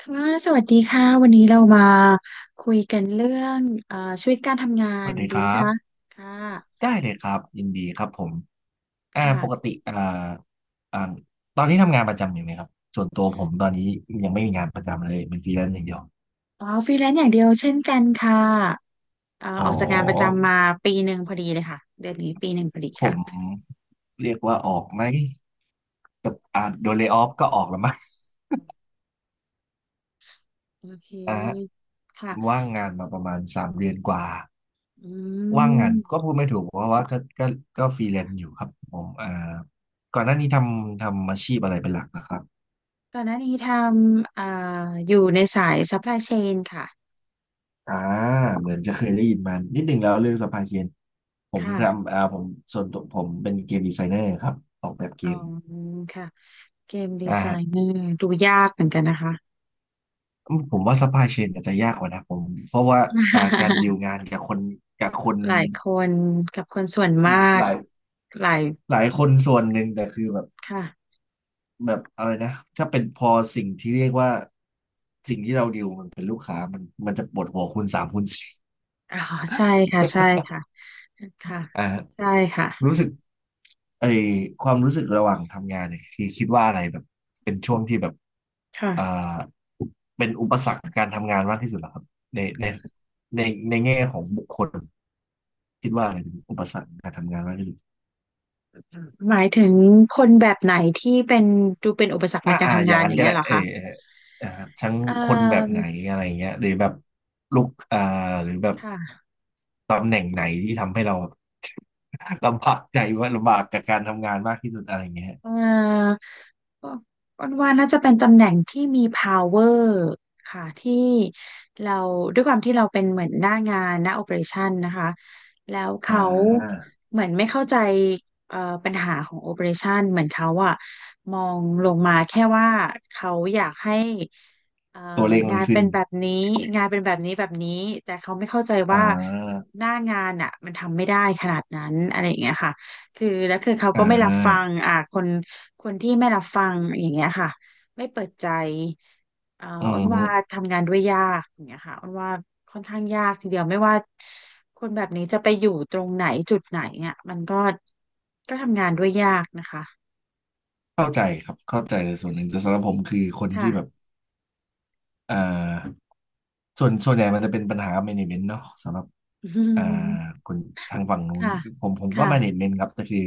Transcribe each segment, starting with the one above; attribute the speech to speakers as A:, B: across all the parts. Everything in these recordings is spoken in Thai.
A: ค่ะสวัสดีค่ะวันนี้เรามาคุยกันเรื่องเอ่อชีวิตการทำงา
B: ส
A: น
B: วัสดี
A: ดี
B: ค
A: ไหม
B: รับ
A: คะค่ะ
B: ได้เลยครับยินดีครับผมอ่าปก
A: ค่ะ
B: ติอ่าอ่าตอนนี้ทำงานประจำอยู่ไหมครับส่วนตัวผมตอนนี้ยังไม่มีงานประจำเลยเป็นฟรีแลนซ์อย่างเดียว
A: อ๋อฟรีแลนซ์อย่างเดียวเช่นกันค่ะ
B: อ๋อ
A: ออกจากงานประจำมาปีหนึ่งพอดีเลยค่ะเดือนนี้ปีหนึ่งพอดี
B: ผม
A: ค่ะ
B: เรียกว่าออกไหมกับโดนเลย์ออฟก็ออกแล้วมั้ง
A: โอเค
B: อ่าฮะ
A: ค่ะ
B: ว่าง
A: ถึ
B: งา
A: ง
B: นมาประมาณสามเดือนกว่า
A: อื
B: ว่างงา
A: ม
B: นก็พูดไม่ถูกเพราะว่าก็ก็ฟรีแลนซ์อยู่ครับผมก่อนหน้านี้ทำอาชีพอะไรเป็นหลักนะครับ
A: ก่อนหน้านี้ทำอยู่ในสาย supply chain ค่ะ
B: อ่าเหมือนจะเคยได้ยินมานิดหนึ่งแล้วเรื่องสปายเคียนผม
A: ค่ะ
B: ทำผมส่วนตัวผมเป็นเกมดีไซเนอร์ครับออกแบบเก
A: อ๋อ
B: ม
A: ค่ะเกมดี
B: อ่า
A: ไซ
B: ฮะ
A: เนอร์ดูยากเหมือนกันนะคะ
B: ผมว่าสปายเชนอาจจะยากกว่านะผมเพราะว่าการดีลงานกับคนกับคน
A: หลายคนกับคนส่วนมาก
B: หลาย
A: หลาย
B: หลายคนส่วนหนึ่งแต่คือแบบ
A: ค่ะ
B: แบบอะไรนะถ้าเป็นพอสิ่งที่เรียกว่าสิ่งที่เราดีลมันเป็นลูกค้ามันจะปวดหัวคูณสามคูณสี่
A: อ๋อใช่ค่ะใช่ค่ะค่ะ
B: อ่าฮะ
A: ใช่ค่ะ
B: รู้สึก ไอความรู้สึกระหว่างทำงานเนี่ยคือคิดว่าอะไรแบบเป็นช่วงที่แบบอ่า
A: ค่ะ
B: เป็นอุปสรรคการทำงานมากที่สุดเหรอครับในในในแง่ของบุคคลคิดว่าอะไรเป็นอุปสรรคการทำงานมากที่สุด
A: หมายถึงคนแบบไหนที่เป็นดูเป็นอุปสรรคในการทำ
B: อย่า
A: งา
B: ง
A: นอ
B: นั้น
A: ย่าง
B: ก็
A: เงี้ย
B: ได้
A: เหรอ
B: เออ
A: คะ
B: เอออ่าทั้ง
A: เอ่
B: คนแบบไหน
A: อ
B: อะไรเงี้ยหรือแบบลุกหรือแบบ
A: ค่ะ
B: ตำแหน่งไหนที่ทำให้เรา ลำบากใจว่าลำบากกับการทำงานมากที่สุดอะไรเงี้ย
A: เอ่ออ้อนว่าน่าจะเป็นตำแหน่งที่มี power ค่ะที่เราด้วยความที่เราเป็นเหมือนหน้างานหน้า operation นะคะแล้ว
B: อ่
A: เขา
B: า
A: เหมือนไม่เข้าใจเอ่อปัญหาของ operation เหมือนเขาอะมองลงมาแค่ว่าเขาอยากให้เอ่อ
B: ตัวเลขมั
A: งา
B: น
A: น
B: ขึ้
A: เป็
B: น
A: นแบบนี้งานเป็นแบบนี้แบบนี้แต่เขาไม่เข้าใจ
B: อ่
A: ว่า
B: า
A: หน้างานอะมันทำไม่ได้ขนาดนั้นอะไรอย่างเงี้ยค่ะ คือแล้วคือเขาก็
B: อ่า
A: ไม่รับฟังคนคนที่ไม่รับฟังอย่างเงี้ยค่ะไม่เปิดใจอ่า
B: อื
A: อ้นว่า
B: ม
A: ทำงานด้วยยากอย่างเงี้ยค่ะอ้นว่าค่อนข้างยากทีเดียวไม่ว่าคนแบบนี้จะไปอยู่ตรงไหนจุดไหนเนี่ยมันก็ก็ทำงานด้วยยากนะคะ
B: เข้าใจครับเข้าใจในส่วนหนึ่งแต่สำหรับผมคือคนที่
A: ค่ะ
B: แบบอ่าส่วนใหญ่มันจะเป็นปัญหา management เนาะสำหรับ
A: อื
B: อ่า
A: ม
B: คนทางฝั่งนู้น
A: ค่ะ
B: ผมก็
A: ค่ะ
B: management ครับแต่คือ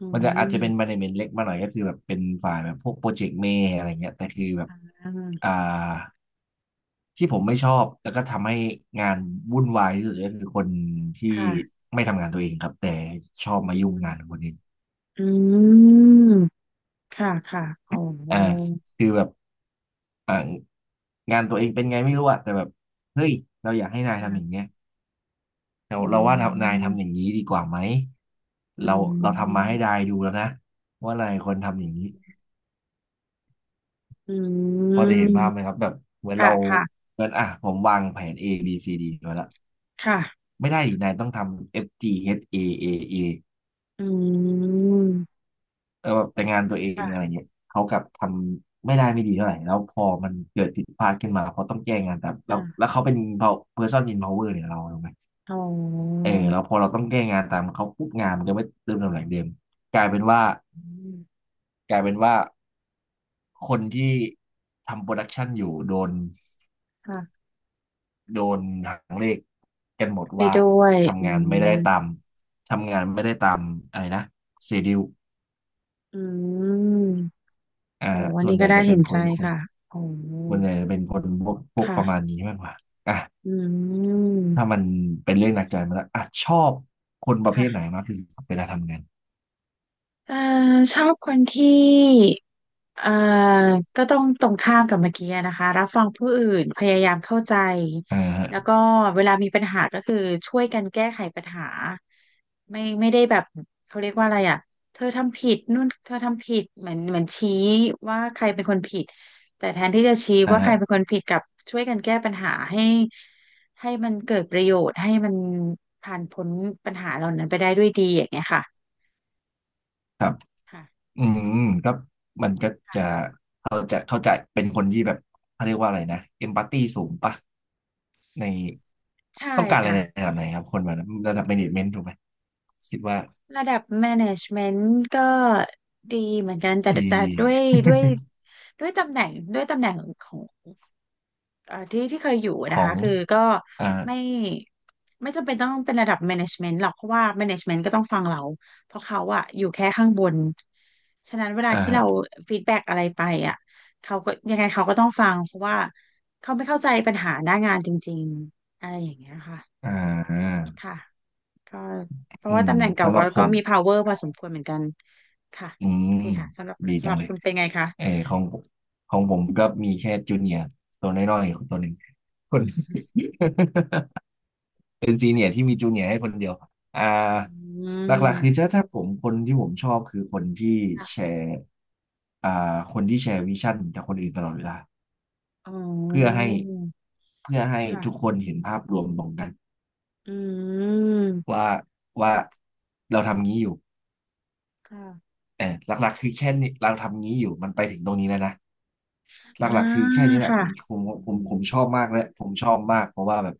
A: อื
B: มันจะอาจจะเป็น
A: ม
B: management เล็กมาหน่อยก็คือแบบเป็นฝ่ายแบบพวกโปรเจกต์เมย์อะไรเงี้ยแต่คือแบบ
A: อ่า
B: อ่าที่ผมไม่ชอบแล้วก็ทำให้งานวุ่นวายที่สุดก็คือคนที่
A: ค่ะ
B: ไม่ทำงานตัวเองครับแต่ชอบ
A: อื
B: มายุ่งงาน
A: ม
B: คนอื่น
A: อืมค่ะค่ะโอ้โห
B: อ่าคือแบบ อ่างานตัวเองเป็นไงไม่รู้อะแต่แบบเฮ้ยเราอยากให้นายทำอย่าง
A: ค่ะ
B: เงี้ยเรา
A: อื
B: เราว่านาย
A: ม
B: ทำอย่างนี้ดีกว่าไหม
A: อื
B: เราเราทำมาให้นายดูแล้วนะว่านายควรทำอย่างนี้
A: ม อื
B: พ
A: ม
B: อจะเห็นภาพไหมครับแบบเหมือน
A: ค่ะ
B: เรา
A: ค่ะ
B: เหมือนอ่ะผมวางแผน A B C D ไว้แล้ว
A: ค่ะ
B: ไม่ได้ดินายต้องทำ F G H A A
A: อืม
B: เออแบบแต่งานตัวเอง
A: ค่ะ
B: อะไรเงี้ยเขากลับทำไม่ได้ไม่ดีเท่าไหร่แล้วพอมันเกิดผิดพลาดขึ้นมาเขาต้องแก้งานแต่แล้วแล้
A: ค่ะ
B: วเขาเป็น person in power เนี่ยเราถูกไหม
A: อ๋อ
B: เออแล้วพอเราต้องแก้งานตามเขาปุ๊บงานมันก็ไม่เติมตำแหน่งเดิมกลายเป็นว่า
A: อืม
B: กลายเป็นว่าคนที่ทำโปรดักชันอยู่โดน
A: ค่ะ
B: โดนหางเลขกันหมด
A: ไป
B: ว่า
A: ด้วยอื
B: ทำงานไม่ได้
A: ม
B: ตามทำงานไม่ได้ตามอะไรนะเซดิว
A: อืม
B: อ่า
A: โอ้
B: ฮะ
A: อัน
B: ส่วน
A: นี้
B: ให
A: ก็
B: ญ่
A: ได้
B: จะเป็
A: เห็
B: น
A: น
B: ค
A: ใจ
B: นคน
A: ค่ะโอ้
B: ส่วนใหญ่จะเป็นคนพวก
A: ค่ะ
B: ประมาณนี้มากกว่าอ่ะ
A: อืม
B: ถ้ามันเป็นเรื่องหนักใจมาแล้วอ่ะชอบคนประเภทไหน
A: ค่ะ
B: มากที่สุดเวลาทำงาน
A: เอ่อชอบคนที่ เอ่อก็ต้องตรงข้ามกับเมื่อกี้นะคะรับฟังผู้อื่นพยายามเข้าใจ
B: อ่าฮะ
A: แล้วก็เวลามีปัญหาก็คือช่วยกันแก้ไขปัญหาไม่ไม่ได้แบบเขาเรียกว่าอะไรอ่ะเธอทำผิดนู่นเธอทำผิดเหมือนเหมือนชี้ว่าใครเป็นคนผิดแต่แทนที่จะชี้
B: อ่า
A: ว่าใค
B: ฮะ
A: รเป็นคนผิดกับช่วยกันแก้ปัญหาให้ให้มันเกิดประโยชน์ให้มันผ่านพ้นปัญหาเหล่านั้นไปได้ด้วยดีอย่างเงี้ยค่ะ
B: ครับ
A: ค่ะ
B: อืมก็มันก็จะเขาจะเป็นคนที่แบบเขาเรียกว่าอะไรนะเอมพัตตีสูงปะใน
A: ใช่
B: ต้องการอะไรใน
A: ค่ะ
B: ระดับไหนครับคนแบบนั้นระดับ management ถูกไหมคิดว่า
A: ระดับ management ก็ดีเหมือนกันแต่
B: ดี
A: แต่ด้วยด้วยด้วยตำแหน่งด้วยตำแหน่งของที่ที่เคยอยู่
B: ข
A: นะ
B: อ
A: คะ
B: ง
A: คือก็
B: อ่า
A: ไม่ไม่จำเป็นต้องเป็นระดับ management หรอกเพราะว่า management ก็ต้องฟังเราเพราะเขาอะอยู่แค่ข้างบนฉะนั้นเวลาที่เรา
B: อ่า
A: ฟีดแบ็กอะไรไปอะเขาก็ยังไงเขาก็ต้องฟังเพราะว่าเขาไม่เข้าใจปัญหาหน้างานจริงๆอะไรอย่างเงี้ยค่ะ
B: อ่า
A: ค่ะ ก็เพ
B: อื
A: ราะว่า
B: ม
A: ตำแหน่งเก่า
B: สำหรั
A: ก็
B: บผ
A: ก็
B: ม
A: มี power พอสมควรเหมือนกันค่ะ
B: อืม
A: โอเคค่ะสำหรับ
B: ดี
A: สำ
B: จั
A: ห
B: ง
A: รับ
B: เลย
A: คุณเป็นไงคะ
B: เออของผมก็มีแค่จูเนียร์ตัวน้อยๆตัวหนึ่งคน
A: อืม
B: เป็นซีเนียร์ที่มีจูเนียร์ให้คนเดียวอ่า
A: อื
B: หลักๆคือ
A: ม
B: ถ้าผมคนที่ผมชอบคือคนที่แช
A: ค่ะ
B: ร์อ่าคนที่แชร์วิชั่นกับคนอื่นตลอดเวลา
A: อ๋
B: เพื่อ
A: อ
B: ให้เพื่อให้ทุกค
A: ค่ะ
B: นเห็นภาพรวมตรงกัน
A: อืม
B: ว่าว่าเราทำงี้อยู่
A: ค่ะ
B: เออหลักๆคือแค่นี้เราทำงี้อยู่มันไปถึงตรงนี้แล้วนะห
A: อ่า
B: ลักๆคือแค่นี้แหละ
A: ค่ะ
B: ผมชอบมากและผมชอบมากเพราะว่าแบบ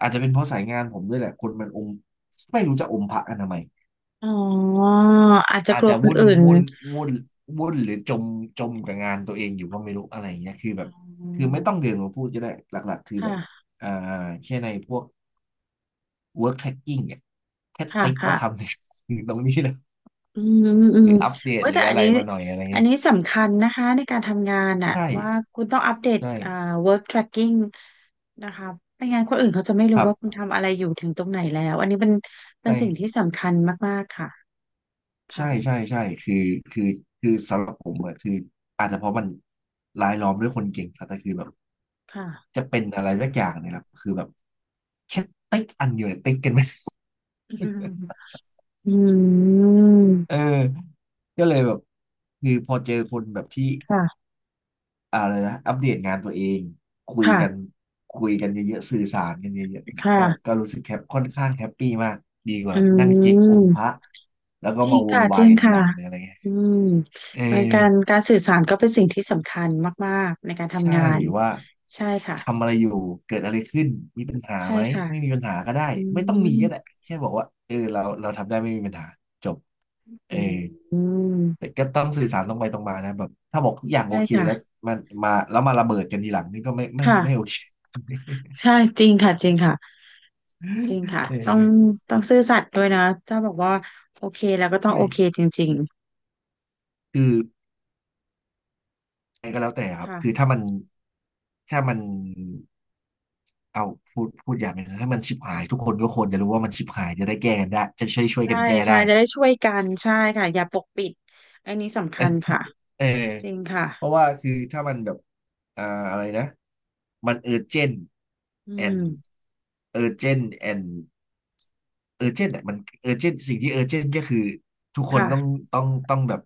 B: อาจจะเป็นเพราะสายงานผมด้วยแหละคนมันอมไม่รู้จะอมพระกันทำไม
A: อ๋ออาจจะ
B: อา
A: ก
B: จ
A: ลัว
B: จะ
A: คนอื่น
B: วุ่นวุ่นหรือจมกับงานตัวเองอยู่ก็ไม่รู้อะไรอย่างเงี้ยคือแบ
A: อ๋
B: บ
A: อ
B: คือไม่ต้องเดินมาพูดก็ได้หลักๆคือแบบ
A: ค่ะ
B: อ่าแค่ในพวก work tracking เนี่ยแค่
A: ค่ะ
B: ติ๊ก
A: ค่ะ
B: ว่าทำใน ตรงนี้เลย
A: อืมอืมอื
B: ห
A: ม
B: รืออัปเดต
A: เว้ย
B: หรื
A: แต่
B: อ
A: อั
B: อะ
A: น
B: ไร
A: นี้
B: มาหน่อยอะไร
A: อัน
B: เงี้ย
A: นี้สำคัญนะคะในการทำงานอะ
B: ใช่
A: ว่าคุณต้องอัปเดต
B: ใช่
A: work tracking นะคะไม่งั้นคนอื่นเขาจะไม่รู้
B: ครั
A: ว่าคุ
B: บ
A: ณทำอะไรอยู่ถึงตรงไหนแล้วอันนี้เป็นเป็นสิ่งที่
B: ใช่
A: สำคัญมากๆค่ะ
B: ใช่
A: ค่ะ
B: ใช่ใช่คือคือสำหรับผมอะคืออาจจะเพราะมันรายล้อมด้วยคนเก่งครับแต่คือแบบ
A: ค่ะ
B: จะเป็นอะไรสักอย่างเนี่ยแหละคือแบบแค่ติ๊กอันเดียวเนี่ยติ๊กกันไหม
A: อืมอื
B: เอ
A: ม
B: อก็เลยแบบคือพอเจอคนแบบที่
A: ค่ะ
B: อะไรนะอัปเดตงานตัวเองคุย
A: ค่ะ
B: กันคุยกันเยอะๆสื่อสารกันเยอะๆเนี่ยก็
A: ค่ะ
B: ก็รู้สึกแฮปค่อนข้างแฮปปี้มากดีก
A: อื
B: ว่านั่งเจ๊กอ
A: ม
B: มพระแล้วก็
A: จริง
B: มาโว
A: ค่ะ
B: ย
A: จ
B: วาย
A: ริง
B: กันที
A: ค่ะ
B: หลังเลยอะไรเงี้ย
A: อืม
B: เออ
A: เหมือนการการสื่อสารก็เป็นสิ่งที่สำคัญมากๆในการ
B: ใช่
A: ทำงาน
B: ว่า
A: ใช่ค่ะ
B: ทำอะไรอยู่เกิดอะไรขึ้นมีปัญหา
A: ใช่
B: ไหม
A: ค่ะ
B: ไม่มีปัญหาก็ได้
A: อื
B: ไม่ต้องมี
A: ม
B: ก็ได้แค่บอกว่าเออเราทำได้ไม่มีปัญหาจบเอ
A: อื
B: อ
A: มอืม
B: แต่ก็ต้องสื่อสารตรงไปตรงมานะแบบถ้าบอกทุกอย่างโอ
A: ใช่
B: เค
A: ค่ะ
B: แล้วมันมาแล้วมาระเบิดกันทีหลังนี่ก็ไม่โอ
A: ค่ะ
B: เค
A: ใช่จริงค่ะจริงค่ะจริงค่ะ ต้อง
B: เออ
A: ต้องซื่อสัตย์ด้วยนะถ้าบอกว่าโอเคแล้วก็ต้อง
B: ใช่
A: โอเคจริง
B: คืออะไรก็แล้วแต่ค
A: ๆ
B: รับ
A: ค่ะ
B: คือถ้ามันเอาพูดอย่างหนึงนะถ้ามันชิบหายทุกคนก็ควรจะรู้ว่ามันชิบหายจะได้แก้กันได้จะช่วย
A: ใช่
B: กันแก้
A: ใช่
B: ได้
A: จะได้ช่วยกันใช่ค่ะอย่าปกปิดอันนี้สำคัญค่ะ
B: เออ
A: จริงค่ะ
B: เพราะว่าคือถ้ามันแบบ อ่าอะไรนะ มันเออร์เจน
A: อื
B: แอน
A: ม
B: เออร์เจนแอน เออร์เจนต์อ่ะมันเออร์เจนต์สิ่งที่เออร์เจนต์ก็คือทุกคนต้อง
A: ค่ะ
B: ต้องต้องแบบ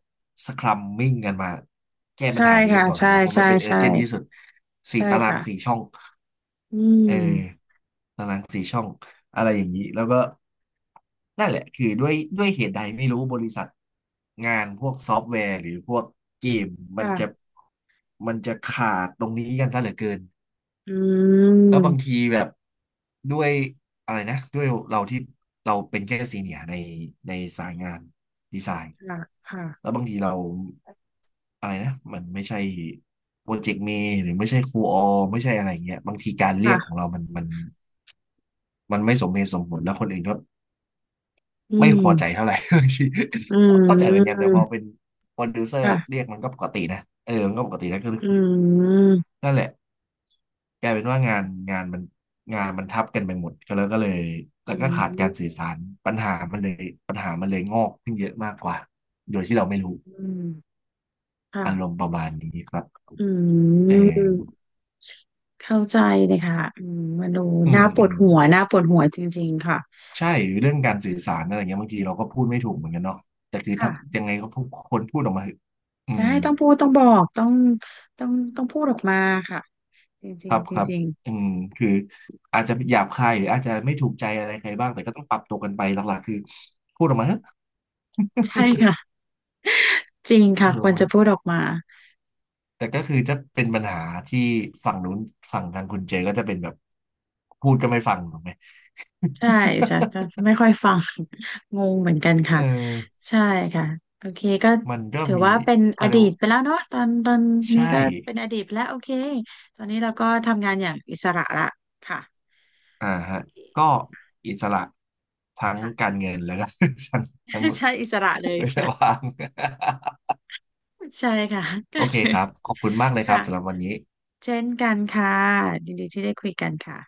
B: สครัมมิ่งกันมาแก้ปั
A: ใช่
B: ญหานี้กั
A: ค่ะ
B: นก่อนถู
A: ใช่
B: กไหมเพราะมั
A: ใช่
B: นเป็นเออ
A: ใช่
B: ร์เจนต์ที่สุดสี่
A: ใช่
B: ตาราง
A: ค่ะ
B: สี่ช่อง
A: อื
B: เอ
A: ม
B: อตารางสี่ช่องอะไรอย่างนี้แล้วก็นั่นแหละคือด้วยเหตุใดไม่รู้บริษัทงานพวกซอฟต์แวร์หรือพวกเกมมันจะ
A: ค่ะ
B: มันจะขาดตรงนี้กันซะเหลือเกิน
A: อื
B: แล้วบาง
A: ม
B: ทีแบบด้วยอะไรนะด้วยเราที่เราเป็นแค่ซีเนียร์ในสายงานดีไซน์
A: ค่ะค่ะ
B: แล้วบางทีเราอะไรนะมันไม่ใช่โปรเจกต์เมย์หรือไม่ใช่ครูออไม่ใช่อะไรเงี้ยบางทีการเรียกขอ
A: ค่ะ
B: งเรามันไม่สมเหตุสมผลแล้วคนอื่นก็
A: อื
B: ไม่
A: ม
B: พอใจเท่าไหร่ บางที
A: อื
B: เข้าใจเหมือนกันแต่พอเป็
A: ม
B: นโปรดิวเซอร์
A: ค่ะ
B: เรียกมันก็ปกตินะเออมันก็ปกตินะก็
A: อื
B: คือ
A: ม
B: นั่นแหละ กลายเป็นว่างานมันงานมันทับกันไปหมดก็แล้วก็เลยแล้
A: อื
B: วก็ขาดการสื่อ
A: ม
B: สารปัญหามันเลยปัญหามันเลยงอกขึ้นเยอะมากกว่าโดยที่เราไม่รู้
A: อืม
B: อารม
A: ค่ะ
B: ณ์ประมาณนี้ครับ
A: อื
B: เออ
A: มเข้าใจเลยค่ะอืมมันดู
B: อืม
A: น่าป
B: อื
A: วด
B: ม
A: หัวน่าปวดหัวจริงๆค่ะ
B: ใช่เรื่องการสื่อสารอะไรเงี้ยบางทีเราก็พูดไม่ถูกเหมือนกันเนาะแต่คือ
A: ค่ะ
B: ถ้ายังไงก็พูดคนพูดออกมาเถอะอื
A: จะ
B: ม
A: ให้ต้องพูดต้องบอกต้องต้องต้องพูดออกมาค่ะจ
B: ค
A: ริง
B: รับ
A: ๆจ
B: ครับ
A: ริง
B: อืมคืออาจจะหยาบคายหรืออาจจะไม่ถูกใจอะไรใครบ้างแต่ก็ต้องปรับตัวกันไปหลักๆคือพูดออกมาเถอะ
A: ๆใช่ค่ะ จริงค่ะ
B: พูด
A: ค
B: ออ
A: ว
B: ก
A: ร
B: มา
A: จะพูดออกมา
B: แต่ก็คือจะเป็นปัญหาที่ฝั่งนู้นฝั่งทางคุณเจก็จะเป็นแบบพูดก็ไม่ฟังถูกไหม
A: ใช่จะจะไม่ค่อยฟัง งงเหมือนกันค่ะ
B: เออ
A: ใช่ค่ะโอเคก็
B: มันก็
A: ถือ
B: มี
A: ว่าเป็นอ
B: เขาเรี
A: ดี
B: ยก
A: ต
B: ว่า
A: ไปแล้วเนาะตอนตอนนี้
B: ใช่
A: ก็เป็นอดีตไปแล้วโอเคตอนนี้เราก็ทำงานอย่างอิสระละค่ะ
B: อ่าฮะก็อิสระทั้ง
A: ค่ะ
B: การเงินแล้วก็ ทั้งทั้ง
A: ใช่อิสระเลย
B: เวลา
A: ค่ะ
B: ว่าง
A: ใช่ค่ะก็
B: โอเค
A: คือ
B: ครับขอบคุณมากเลยค
A: ค่ะ
B: รับสำหรับวันนี้
A: เช่นกันค่ะยินดีที่ได้คุยกันค่ะ